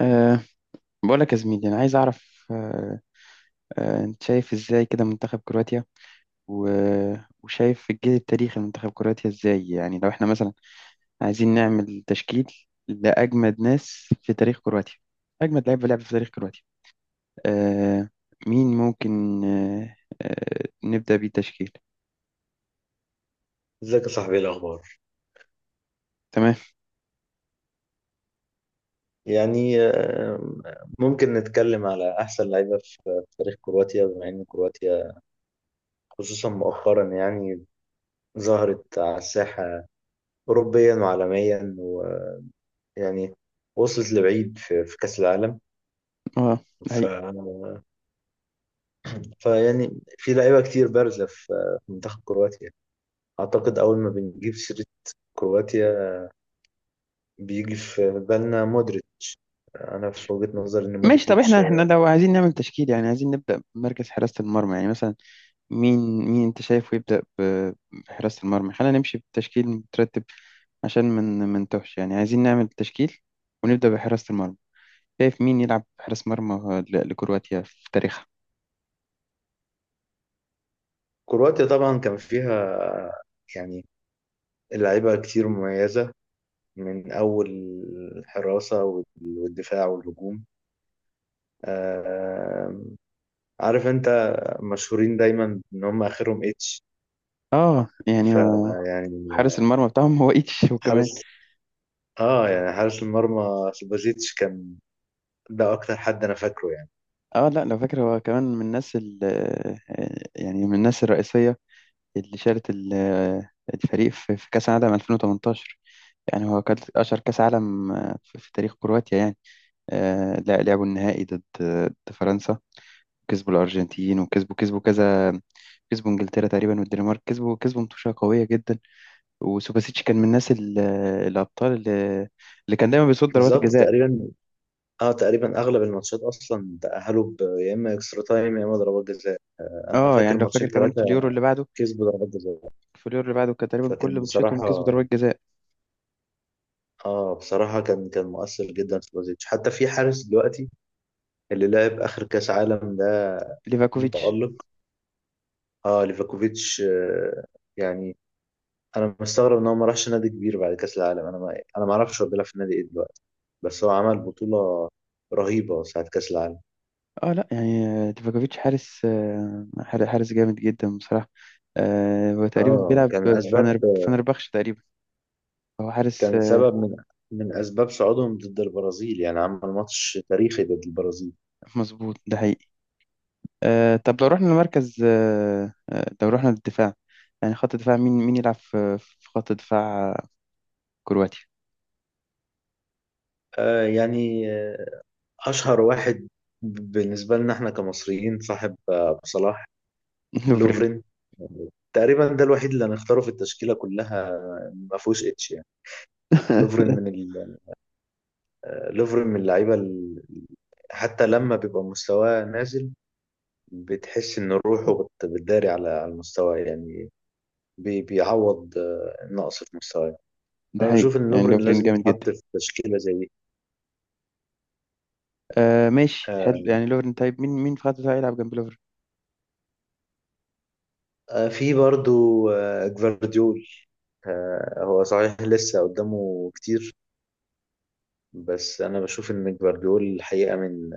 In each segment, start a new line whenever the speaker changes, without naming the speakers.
أه بقول لك يا زميلي، انا عايز اعرف. أه أه انت شايف ازاي كده منتخب كرواتيا، و- وشايف الجيل التاريخي لمنتخب كرواتيا ازاي؟ يعني لو احنا مثلا عايزين نعمل تشكيل لاجمد ناس في تاريخ كرواتيا، اجمد لعيبه لعب في تاريخ كرواتيا، أه مين ممكن أه أه نبدا بيه تشكيل؟
ازيك يا صاحبي، ايه الاخبار؟
تمام.
يعني آم، ممكن نتكلم على احسن لعيبه في تاريخ كرواتيا، بما ان كرواتيا خصوصا مؤخرا يعني ظهرت على الساحه اوروبيا وعالميا، ويعني وصلت لبعيد في في كاس العالم.
اه ده
ف...
حقيقي.
فيعني في لعيبه كتير بارزه في منتخب كرواتيا. اعتقد اول ما بنجيب سيره كرواتيا، بيجي في بالنا مودريتش. انا في وجهه نظري ان
ماشي، طب
مودريتش،
احنا لو عايزين نعمل تشكيل، يعني عايزين نبدا بمركز حراسه المرمى، يعني مثلا مين، انت شايفه يبدأ بحراسة المرمى؟ خلينا نمشي بتشكيل مترتب عشان من منتوهش، يعني عايزين نعمل تشكيل ونبدأ بحراسة المرمى. شايف مين يلعب حارس مرمى لكرواتيا في تاريخها؟
كرواتيا طبعا كان فيها يعني اللعيبة كتير مميزة، من أول الحراسة والدفاع والهجوم. آه، عارف أنت، مشهورين دايما إن هم آخرهم إتش.
اه يعني
فيعني
حارس المرمى بتاعهم هو ايتش وكمان.
حارس، يعني حارس المرمى سوبازيتش كان، ده أكتر حد أنا فاكره يعني.
اه لا، لو فاكر هو كمان من الناس ال يعني من الناس الرئيسية اللي شالت الفريق في كأس العالم 2018. يعني هو كان أشهر كأس عالم في تاريخ كرواتيا يعني. لا، لعبوا النهائي ضد فرنسا، كسبوا الارجنتين، وكسبوا كذا، كسبوا انجلترا تقريبا والدنمارك، كسبوا ماتشات قويه جدا. وسوباسيتش كان من الناس الابطال اللي كان دايما بيصد ضربات
بالظبط
الجزاء.
تقريبا. آه تقريبا أغلب الماتشات أصلا تأهلوا يا إما إكسترا تايم يا إما ضربات جزاء. أنا
اه
فاكر
يعني لو
ماتشين
فاكر كمان في اليورو
ثلاثة
اللي بعده،
كسبوا ضربات جزاء.
كان تقريبا كل
فكان
ماتشاتهم كسبوا
بصراحة،
ضربات جزاء.
اه بصراحة كان مؤثر جدا في بلوزيتش، حتى في حارس دلوقتي اللي لعب آخر كأس عالم ده،
ليفاكوفيتش.
متألق. اه ليفاكوفيتش، يعني أنا مستغرب إن هو ما راحش نادي كبير بعد كأس العالم. أنا ما أعرفش هو بيلعب في نادي إيه دلوقتي، بس هو عمل بطولة رهيبة ساعة كأس العالم.
اه لا يعني، ليفاكوفيتش حارس، حارس جامد جدا بصراحه. هو تقريبا
اه
بيلعب
كان
في
أسباب،
فنربخش تقريبا. هو حارس.
كان سبب من من أسباب صعودهم ضد البرازيل، يعني عمل ماتش تاريخي ضد البرازيل.
مظبوط، ده حقيقي. طب لو رحنا لمركز، لو رحنا للدفاع، يعني خط دفاع، مين، يلعب في خط دفاع كرواتيا؟
آه يعني آه، أشهر واحد بالنسبة لنا احنا كمصريين، صاحب أبو صلاح.
لوفرين.
لوفرين، تقريبا ده الوحيد اللي هنختاره في التشكيله كلها، ما فيهوش اتش يعني. لوفرين من ال... لوفرين من اللعيبه حتى لما بيبقى مستواه نازل، بتحس ان روحه بتداري على على المستوى يعني. بيعوض النقص في مستواه.
ده
انا
حقيقي.
بشوف ان
يعني
لوفرين
لوفرين
لازم
جامد جدا.
يتحط في تشكيله زي دي.
ماشي،
آه،
حلو، يعني لوفرين. طيب مين، في خط الدفاع يلعب جنب لوفرين؟
في برضو جفارديول. هو صحيح لسه قدامه كتير، بس انا بشوف ان جفارديول الحقيقه من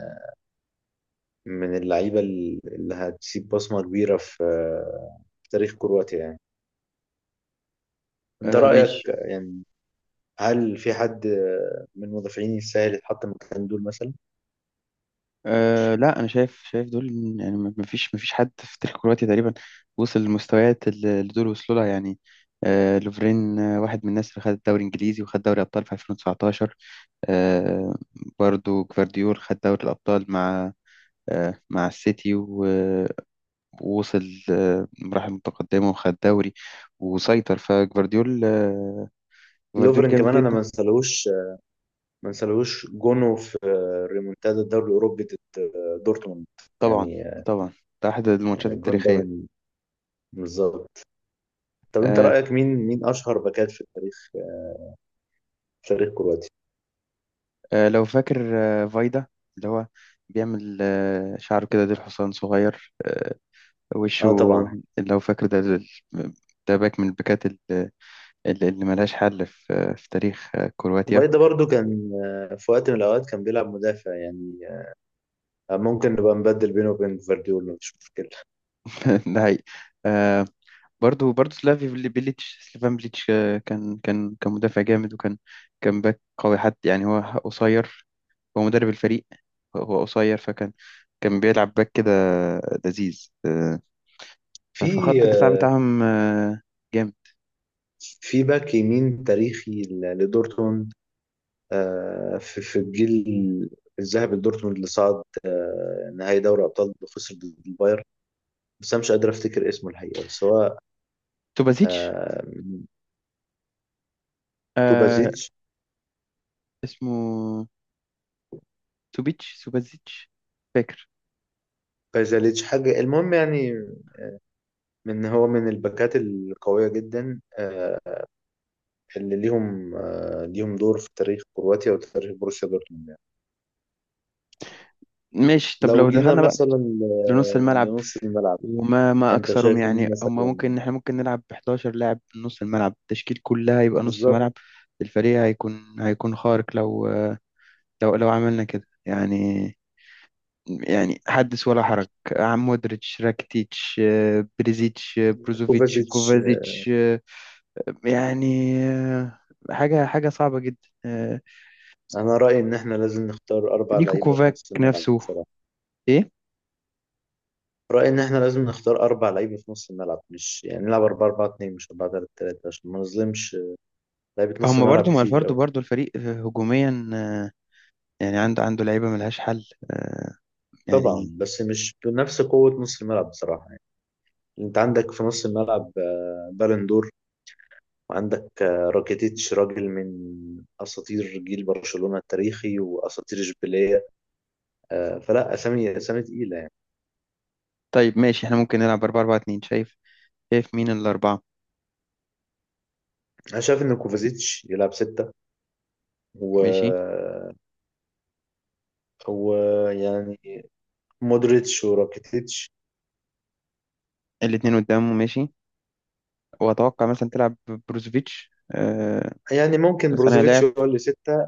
من اللعيبة اللي هتسيب بصمة كبيرة في في تاريخ كرواتيا يعني. انت رأيك
ماشي.
يعني، هل في حد من المدافعين يستاهل يتحط مكان دول مثلا؟
لا، انا شايف، دول، يعني ما ما فيش، حد في تاريخ كرواتيا تقريبا وصل للمستويات اللي دول وصلوا لها يعني. لوفرين واحد من الناس اللي خد الدوري الانجليزي وخد دوري ابطال في 2019. آه، برضو جفارديول خد دوري الأبطال مع، مع السيتي، ووصل مراحل متقدمة وخد دوري وسيطر. فجفارديول، جفارديول
لوفرين
جامد
كمان انا ما
جدا.
انسالهوش، ما انسالهوش جونه في ريمونتادا الدوري الاوروبي ضد دورتموند
طبعا،
يعني.
طبعا. ده أحد الماتشات
الجون ده
التاريخية.
من، بالظبط. طب انت
آه،
رأيك، مين مين اشهر باكات في تاريخ في تاريخ كرواتيا؟
لو فاكر فايدا، اللي هو بيعمل شعره كده ديل حصان صغير، وشه.
اه طبعا.
لو فاكر، ده، ده باك من الباكات اللي ملهاش حل في تاريخ كرواتيا.
فايدا برضو كان في وقت من الاوقات كان بيلعب مدافع يعني، ممكن نبقى نبدل بينه وبين فارديول مفيش مشكلة.
ده حقيقي. آه، برضو، سلافي بيليتش، سليفان بليتش، كان مدافع جامد، وكان، كان باك قوي. حتى يعني هو قصير، هو مدرب الفريق. هو قصير، كان بيلعب باك كده لذيذ.
في
فخط الدفاع بتاعهم جامد.
باك يمين تاريخي لدورتموند، في في الجيل الذهبي لدورتموند اللي صعد نهائي دوري أبطال وخسر ضد البايرن، بس أنا مش قادر أفتكر اسمه الحقيقة، بس هو
سوبازيتش،
آه،
آه،
توبازيتش،
اسمه سوبازيتش، فاكر.
بازاليتش، حاجة المهم يعني، من هو من الباكات القوية جدا اللي ليهم ليهم دور في تاريخ كرواتيا وتاريخ بروسيا دورتموند يعني.
ماشي، طب
لو
لو
جينا
دخلنا بقى
مثلا
لنص الملعب.
لنص الملعب،
وما ما
انت
اكثرهم
شايف مين؟
يعني، هما ممكن، احنا ممكن نلعب ب 11 لاعب من نص الملعب، التشكيل كلها يبقى نص
بالظبط.
ملعب. الفريق هيكون خارق لو، لو لو عملنا كده يعني. يعني حدث ولا حرج. عم مودريتش، راكيتيتش، بريزيتش، بروزوفيتش،
كوفازيتش.
كوفازيتش، يعني، حاجة صعبة جدا.
انا رايي ان احنا لازم نختار اربع
نيكو
لعيبه في
كوفاك
نص الملعب
نفسه،
بصراحه.
ايه.
رايي ان احنا لازم نختار اربع لعيبه في نص الملعب، مش يعني نلعب 4 4 2 مش 4 3 3، عشان ما نظلمش لعيبه نص
هما برضو،
الملعب
ما
كتير
الفرد
قوي.
برضو الفريق هجوميا، يعني عنده، لعيبة ملهاش حل، آه،
طبعا
يعني.
بس مش بنفس قوه نص الملعب بصراحه يعني. انت عندك في نص الملعب بالندور، وعندك راكيتيتش راجل من اساطير جيل برشلونه التاريخي واساطير اشبيليه. فلا، اسامي اسامي تقيله يعني.
طيب ماشي، احنا ممكن نلعب 4 4 2. شايف، مين الأربعة؟
انا شايف ان كوفازيتش يلعب ستة و...
ماشي.
ويعني مودريتش وراكيتيتش.
الاتنين قدامه. ماشي. وأتوقع مثلا تلعب بروزوفيتش
يعني ممكن
صانع
بروزوفيتش
لعب.
هو اللي ستة،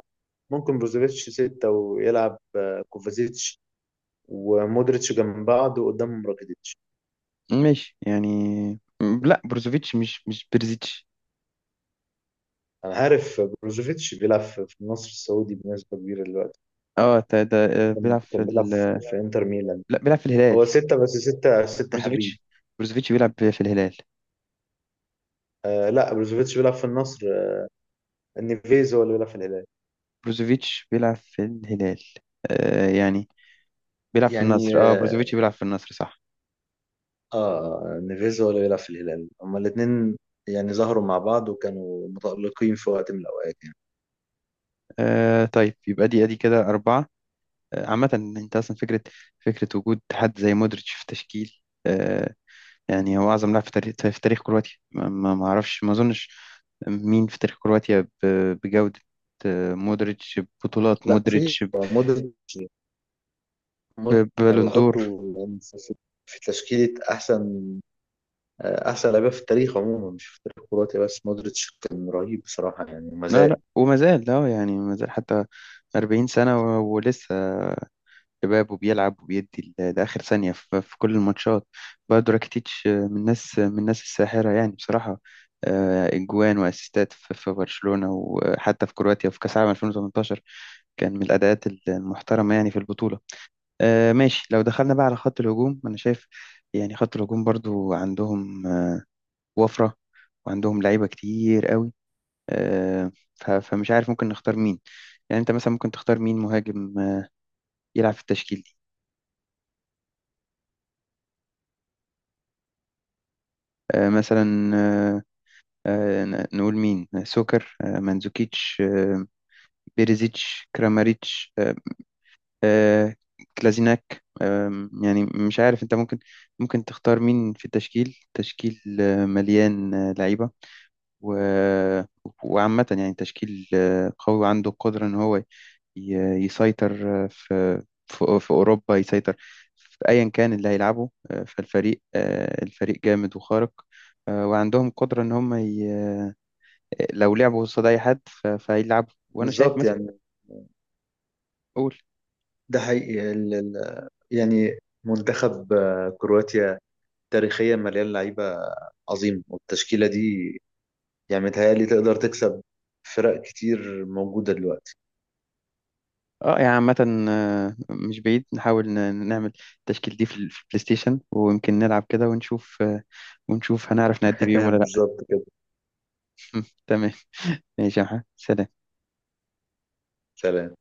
ممكن بروزوفيتش ستة ويلعب كوفازيتش ومودريتش جنب بعض وقدامهم راكيتيتش.
ماشي يعني. لا بروزوفيتش مش، برزيتش.
أنا عارف بروزوفيتش بيلعب في في النصر السعودي بنسبة كبيرة دلوقتي.
اه ده
كان
بيلعب في
كان بيلعب في في إنتر ميلان.
لا، بيلعب في الهلال.
هو ستة، بس ستة ستة حريف.
بروزوفيتش، بيلعب في الهلال.
آه لا بروزوفيتش بيلعب في النصر. نيفيز هو اللي بيلعب في الهلال.
بروزوفيتش بيلعب في الهلال. يعني بيلعب في
يعني
النصر. اه
آه،
بروزوفيتش بيلعب في النصر، صح.
اه نيفيز هو اللي بيلعب في الهلال، هما الاثنين يعني ظهروا مع بعض وكانوا متألقين في وقت من الأوقات يعني.
طيب، يبقى دي ادي كده أربعة. عامة انت اصلا فكرة، وجود حد زي مودريتش في تشكيل، يعني هو اعظم لاعب في تاريخ، كرواتيا. ما ما اعرفش، ما اظنش مين في تاريخ كرواتيا بجودة مودريتش، ببطولات
لا في
مودريتش،
مودريتش. مودريتش أنا
ببالون دور.
بحطه يعني في تشكيلة أحسن، أحسن لعيبة في التاريخ عموما مش في التاريخ الكرواتي بس. مودريتش كان رهيب بصراحة يعني وما
لا
زال.
لا، وما زال. لا يعني ما زال حتى 40 سنة، ولسه شباب، وبيلعب وبيدي لآخر ثانية في كل الماتشات. بقى راكيتيتش، من الناس، الساحرة يعني بصراحة. إجوان وأسيستات في برشلونة، وحتى في كرواتيا وفي كأس العالم 2018 كان من الأداءات المحترمة يعني في البطولة. ماشي. لو دخلنا بقى على خط الهجوم. أنا شايف يعني خط الهجوم برضو عندهم وفرة، وعندهم لعيبة كتير قوي. فمش عارف ممكن نختار مين. يعني أنت مثلا ممكن تختار مين مهاجم يلعب في التشكيل دي؟ آه، مثلا آه، آه، ن- نقول مين، سوكر، مانزوكيتش، بيريزيتش، كراماريتش، آه، كلازيناك. يعني مش عارف. انت ممكن، تختار مين في التشكيل. مليان لعيبة، و- وعامة يعني تشكيل قوي وعنده القدرة ان هو يسيطر في أوروبا. يسيطر في أيا كان اللي هيلعبه. آه، فالفريق آه، الفريق جامد وخارق، وعندهم قدرة إن هم لو لعبوا قصاد اي حد فهيلعبوا. وانا شايف
بالظبط
مثلا،
يعني.
قول.
ده حقيقي. يعني منتخب كرواتيا تاريخيا مليان لعيبة عظيم، والتشكيلة دي يعني متهيألي تقدر تكسب فرق كتير موجودة دلوقتي.
اه يعني عامة، مش بعيد نحاول نعمل التشكيل دي في في البلاي ستيشن، ويمكن نلعب كده ونشوف، هنعرف نأدي بيهم ولا لا.
بالظبط كده.
تمام. ماشي يا محمد، سلام.
سلام.